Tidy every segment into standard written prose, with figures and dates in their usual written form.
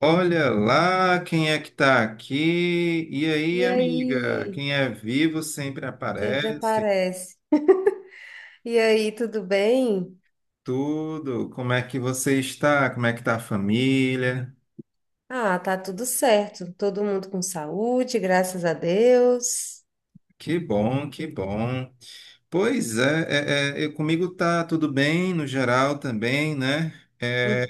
Olha lá quem é que tá aqui. E E aí, amiga? aí, Quem é vivo sempre sempre aparece. aparece. E aí, tudo bem? Tudo. Como é que você está? Como é que tá a família? Ah, tá tudo certo. Todo mundo com saúde, graças a Deus. Que bom, que bom. Pois é, comigo tá tudo bem, no geral também, né? É, Hum.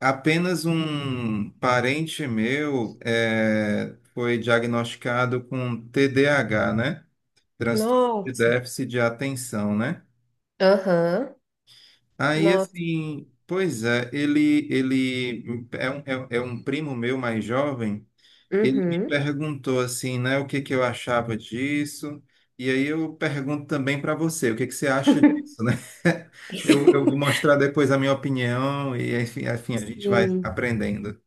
Apenas um parente meu foi diagnosticado com TDAH, né? Transtorno de Nossa. déficit de atenção, né? Aham. Aí Nossa. assim, pois é, ele é um, é um primo meu mais jovem, ele me Uhum. perguntou assim, né, o que que eu achava disso, e aí eu pergunto também para você, o que que você acha disso, né? Eu vou mostrar depois a minha opinião e enfim, enfim, a gente vai Sim, aprendendo.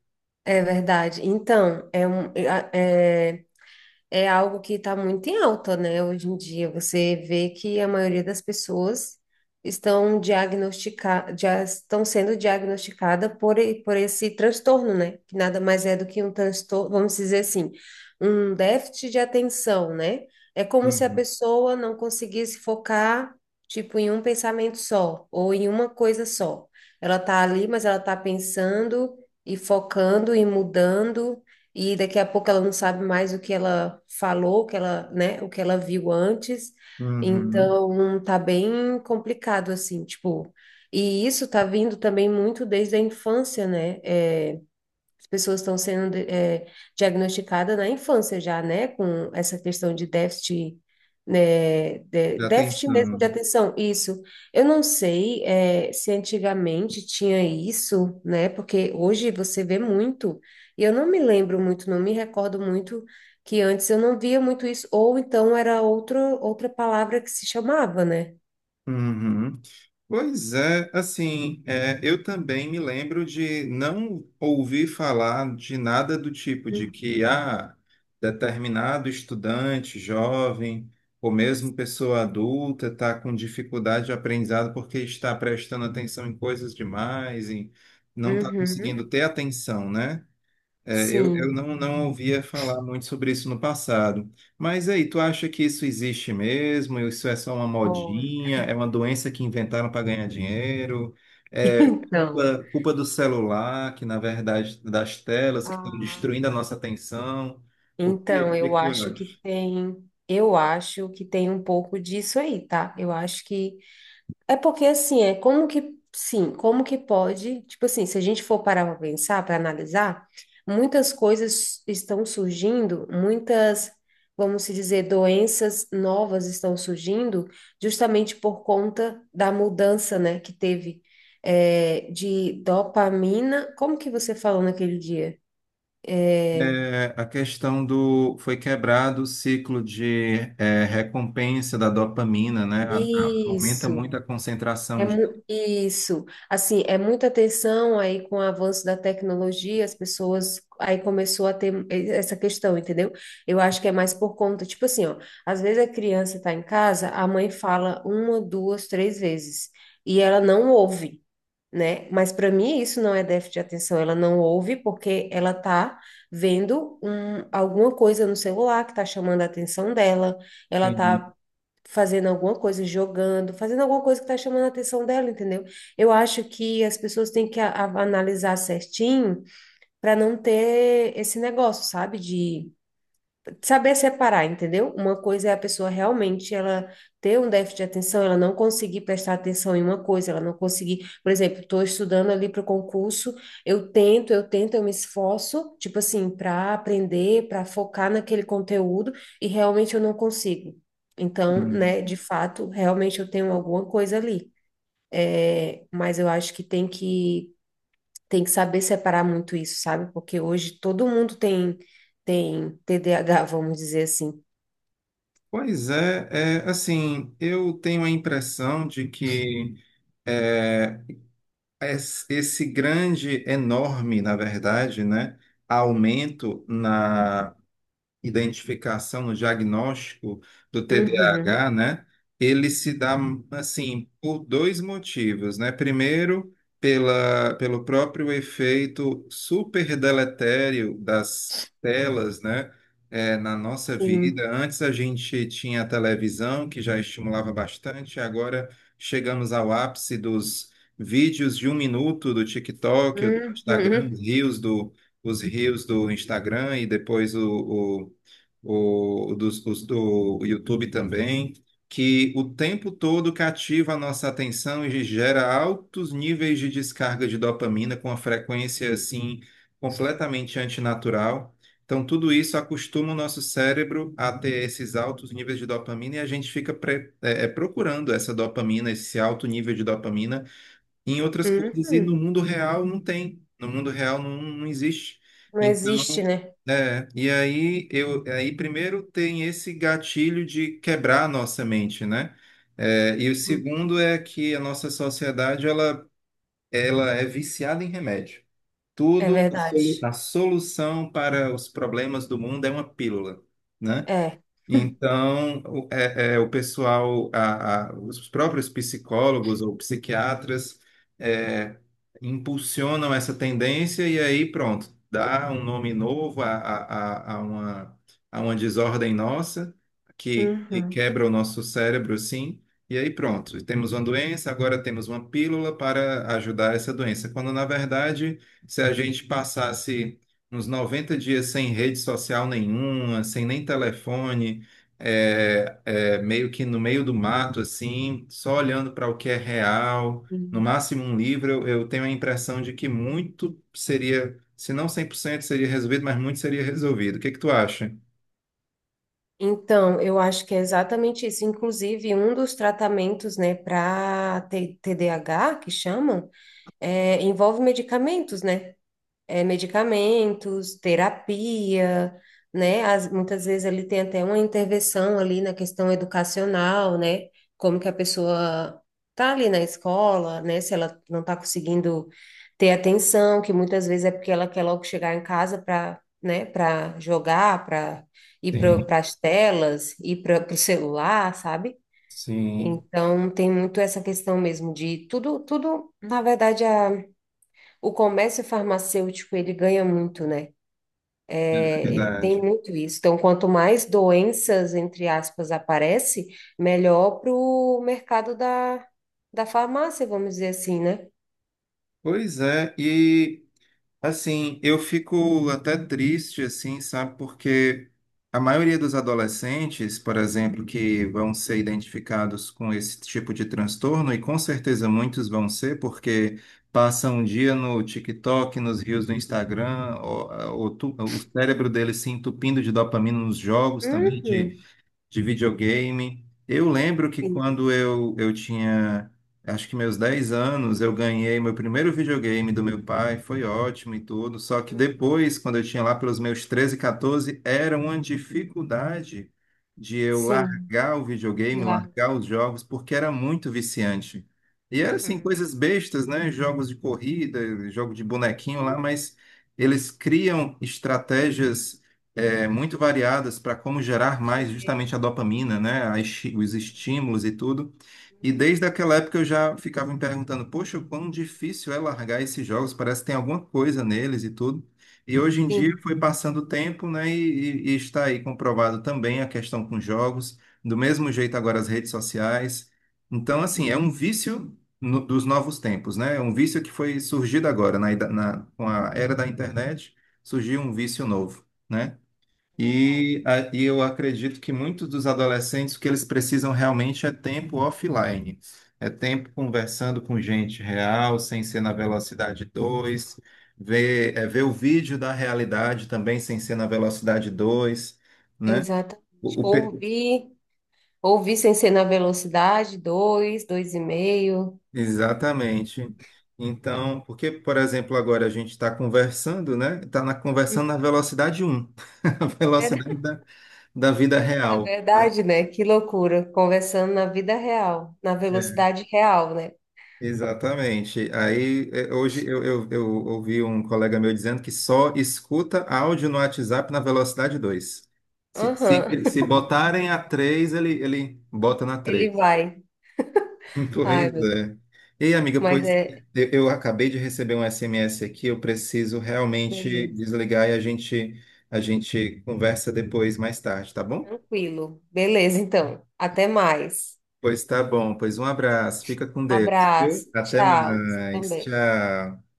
é verdade. Então, é é algo que está muito em alta, né? Hoje em dia, você vê que a maioria das pessoas estão diagnosticadas, já estão sendo diagnosticada por esse transtorno, né? Que nada mais é do que um transtorno, vamos dizer assim, um déficit de atenção, né? É como se a Uhum. pessoa não conseguisse focar, tipo, em um pensamento só, ou em uma coisa só. Ela tá ali, mas ela tá pensando e focando e mudando e daqui a pouco ela não sabe mais o que ela falou, o que ela, né, o que ela viu antes. Uhum. Então, tá bem complicado assim, tipo, e isso tá vindo também muito desde a infância, né? As pessoas estão sendo diagnosticadas na infância já, né? Com essa questão de déficit, né? Já tem. déficit mesmo de atenção. Isso. Eu não sei, se antigamente tinha isso, né? Porque hoje você vê muito. E eu não me lembro muito, não me recordo muito que antes eu não via muito isso. Ou então era outra palavra que se chamava, né? Uhum. Pois é, assim, eu também me lembro de não ouvir falar de nada do tipo de que ah, determinado estudante jovem ou mesmo pessoa adulta está com dificuldade de aprendizado porque está prestando atenção em coisas demais e não está Uhum. conseguindo ter atenção, né? Eu Sim. Não ouvia falar muito sobre isso no passado. Mas aí, tu acha que isso existe mesmo? Isso é só uma Olha. modinha? É uma doença que inventaram para ganhar dinheiro? É Então. Culpa do celular, que na verdade, das telas, que estão Ah, destruindo a nossa atenção? Então, O que é que tu acha? Eu acho que tem um pouco disso aí, tá? Eu acho que é porque assim, é como que, sim, como que pode, tipo assim, se a gente for parar para pensar, para analisar, muitas coisas estão surgindo, muitas, vamos se dizer, doenças novas estão surgindo justamente por conta da mudança, né, que teve de dopamina. Como que você falou naquele dia? É, a questão do... foi quebrado o ciclo de recompensa da dopamina, né? Aumenta Isso. muito a É concentração de... isso, assim, é muita atenção aí com o avanço da tecnologia, as pessoas aí começou a ter essa questão, entendeu? Eu acho que é mais por conta, tipo assim, ó, às vezes a criança tá em casa, a mãe fala uma, duas, três vezes e ela não ouve, né? Mas para mim isso não é déficit de atenção, ela não ouve porque ela tá vendo alguma coisa no celular que tá chamando a atenção dela, ela Sim. tá fazendo alguma coisa, jogando, fazendo alguma coisa que está chamando a atenção dela, entendeu? Eu acho que as pessoas têm que analisar certinho para não ter esse negócio, sabe? De saber separar, entendeu? Uma coisa é a pessoa realmente ela ter um déficit de atenção, ela não conseguir prestar atenção em uma coisa, ela não conseguir, por exemplo, estou estudando ali para o concurso, eu tento, eu tento, eu me esforço, tipo assim, para aprender, para focar naquele conteúdo e realmente eu não consigo. Então, né, de fato, realmente eu tenho alguma coisa ali. É, mas eu acho que tem que saber separar muito isso, sabe? Porque hoje todo mundo tem tem TDAH, vamos dizer assim. Pois é, assim, eu tenho a impressão de que é, esse grande, enorme, na verdade, né, aumento identificação, no diagnóstico do Uhum, TDAH, né? Ele se dá assim por dois motivos, né? Primeiro, pelo próprio efeito super deletério das telas, né? Na nossa sim. vida. Antes a gente tinha a televisão, que já estimulava bastante, agora chegamos ao ápice dos vídeos de um minuto do TikTok, do Instagram, Uhum, os reels do Instagram e depois os do YouTube também, que o tempo todo cativa a nossa atenção e gera altos níveis de descarga de dopamina com uma frequência assim completamente antinatural. Então, tudo isso acostuma o nosso cérebro a ter esses altos níveis de dopamina e a gente fica procurando essa dopamina, esse alto nível de dopamina em outras coisas e no uhum. mundo real não tem. No mundo real não existe. Não Então, existe, né? e aí primeiro tem esse gatilho de quebrar a nossa mente, né? E o segundo é que a nossa sociedade ela, ela é viciada em remédio. É Tudo, verdade. a solução para os problemas do mundo é uma pílula, né? É. Então, o pessoal, os próprios psicólogos ou psiquiatras é, impulsionam essa tendência e aí pronto, dá um nome novo a- a uma, a uma desordem nossa que Uhum. quebra o nosso cérebro, sim. E aí pronto, temos uma doença, agora temos uma pílula para ajudar essa doença. Quando, na verdade, se a gente passasse uns 90 dias sem rede social nenhuma, sem nem telefone, meio que no meio do mato, assim, só olhando para o que é real. No Sim. máximo um livro, eu tenho a impressão de que muito seria, se não 100% seria resolvido, mas muito seria resolvido. O que que tu acha? Então, eu acho que é exatamente isso. Inclusive, um dos tratamentos, né, para TDAH, que chamam, envolve medicamentos, né? Medicamentos, terapia, né? Muitas vezes ali tem até uma intervenção ali na questão educacional, né? Como que a pessoa tá ali na escola, né? Se ela não está conseguindo ter atenção, que muitas vezes é porque ela quer logo chegar em casa para, né? Para jogar, para ir Sim, para as telas, ir para o celular, sabe? sim. Então tem muito essa questão mesmo de tudo, tudo, na verdade, a o comércio farmacêutico, ele ganha muito, né? É, tem Verdade. muito isso. Então, quanto mais doenças, entre aspas, aparece, melhor para o mercado da farmácia, vamos dizer assim, né? Pois é, e assim, eu fico até triste, assim, sabe? Porque a maioria dos adolescentes, por exemplo, que vão ser identificados com esse tipo de transtorno, e com certeza muitos vão ser, porque passam um dia no TikTok, nos reels do Instagram, o cérebro deles se entupindo de dopamina nos jogos também, Uhum. de videogame. Eu lembro que Sim. quando eu tinha, acho que meus 10 anos, eu ganhei meu primeiro videogame do meu pai, foi ótimo e tudo. Só que Uhum. depois, quando eu tinha lá pelos meus 13, 14, era uma dificuldade de eu Sim, largar o de videogame, lá. largar os jogos, porque era muito viciante. E era assim, Uhum. coisas bestas, né? Jogos de corrida, jogo de bonequinho Sim, lá, mas eles criam estratégias muito variadas para como e gerar te mais justamente a deixa. dopamina, né? Os estímulos e tudo. E Uhum. desde aquela época eu já ficava me perguntando, poxa, o quão difícil é largar esses jogos, parece que tem alguma coisa neles e tudo. E hoje em dia Sim, foi passando o tempo, né? E está aí comprovado também a questão com jogos, do mesmo jeito agora as redes sociais. Então, assim, é um vício no- dos novos tempos, né? É um vício que foi surgido agora, com a era da internet, surgiu um vício novo. Né? é verdade. E eu acredito que muitos dos adolescentes, o que eles precisam realmente é tempo offline. É tempo conversando com gente real, sem ser na velocidade 2, ver o vídeo da realidade também sem ser na velocidade 2, né? Exatamente. O, o pe- Ouvir, ouvir sem ser na velocidade, dois, dois e meio. exatamente. Então, porque, por exemplo, agora a gente está conversando, né? Uhum. Conversando na velocidade um, a É velocidade verdade. da, da vida É real. verdade, né? Que loucura. Conversando na vida real, na velocidade real, né? Exatamente. Aí, eu ouvi um colega meu dizendo que só escuta áudio no WhatsApp na velocidade 2. Aham, Se botarem a 3, ele bota na ele 3. vai. Ai, Pois meu Deus. é. Ei, amiga, Mas pois é, eu acabei de receber um SMS aqui, eu preciso realmente beleza. desligar e a gente conversa depois, mais tarde, tá bom? Tranquilo. Beleza, então. Até mais. Pois tá bom, pois um abraço, fica com Deus, viu? Abraço. Até Tchau. mais, Também. tchau.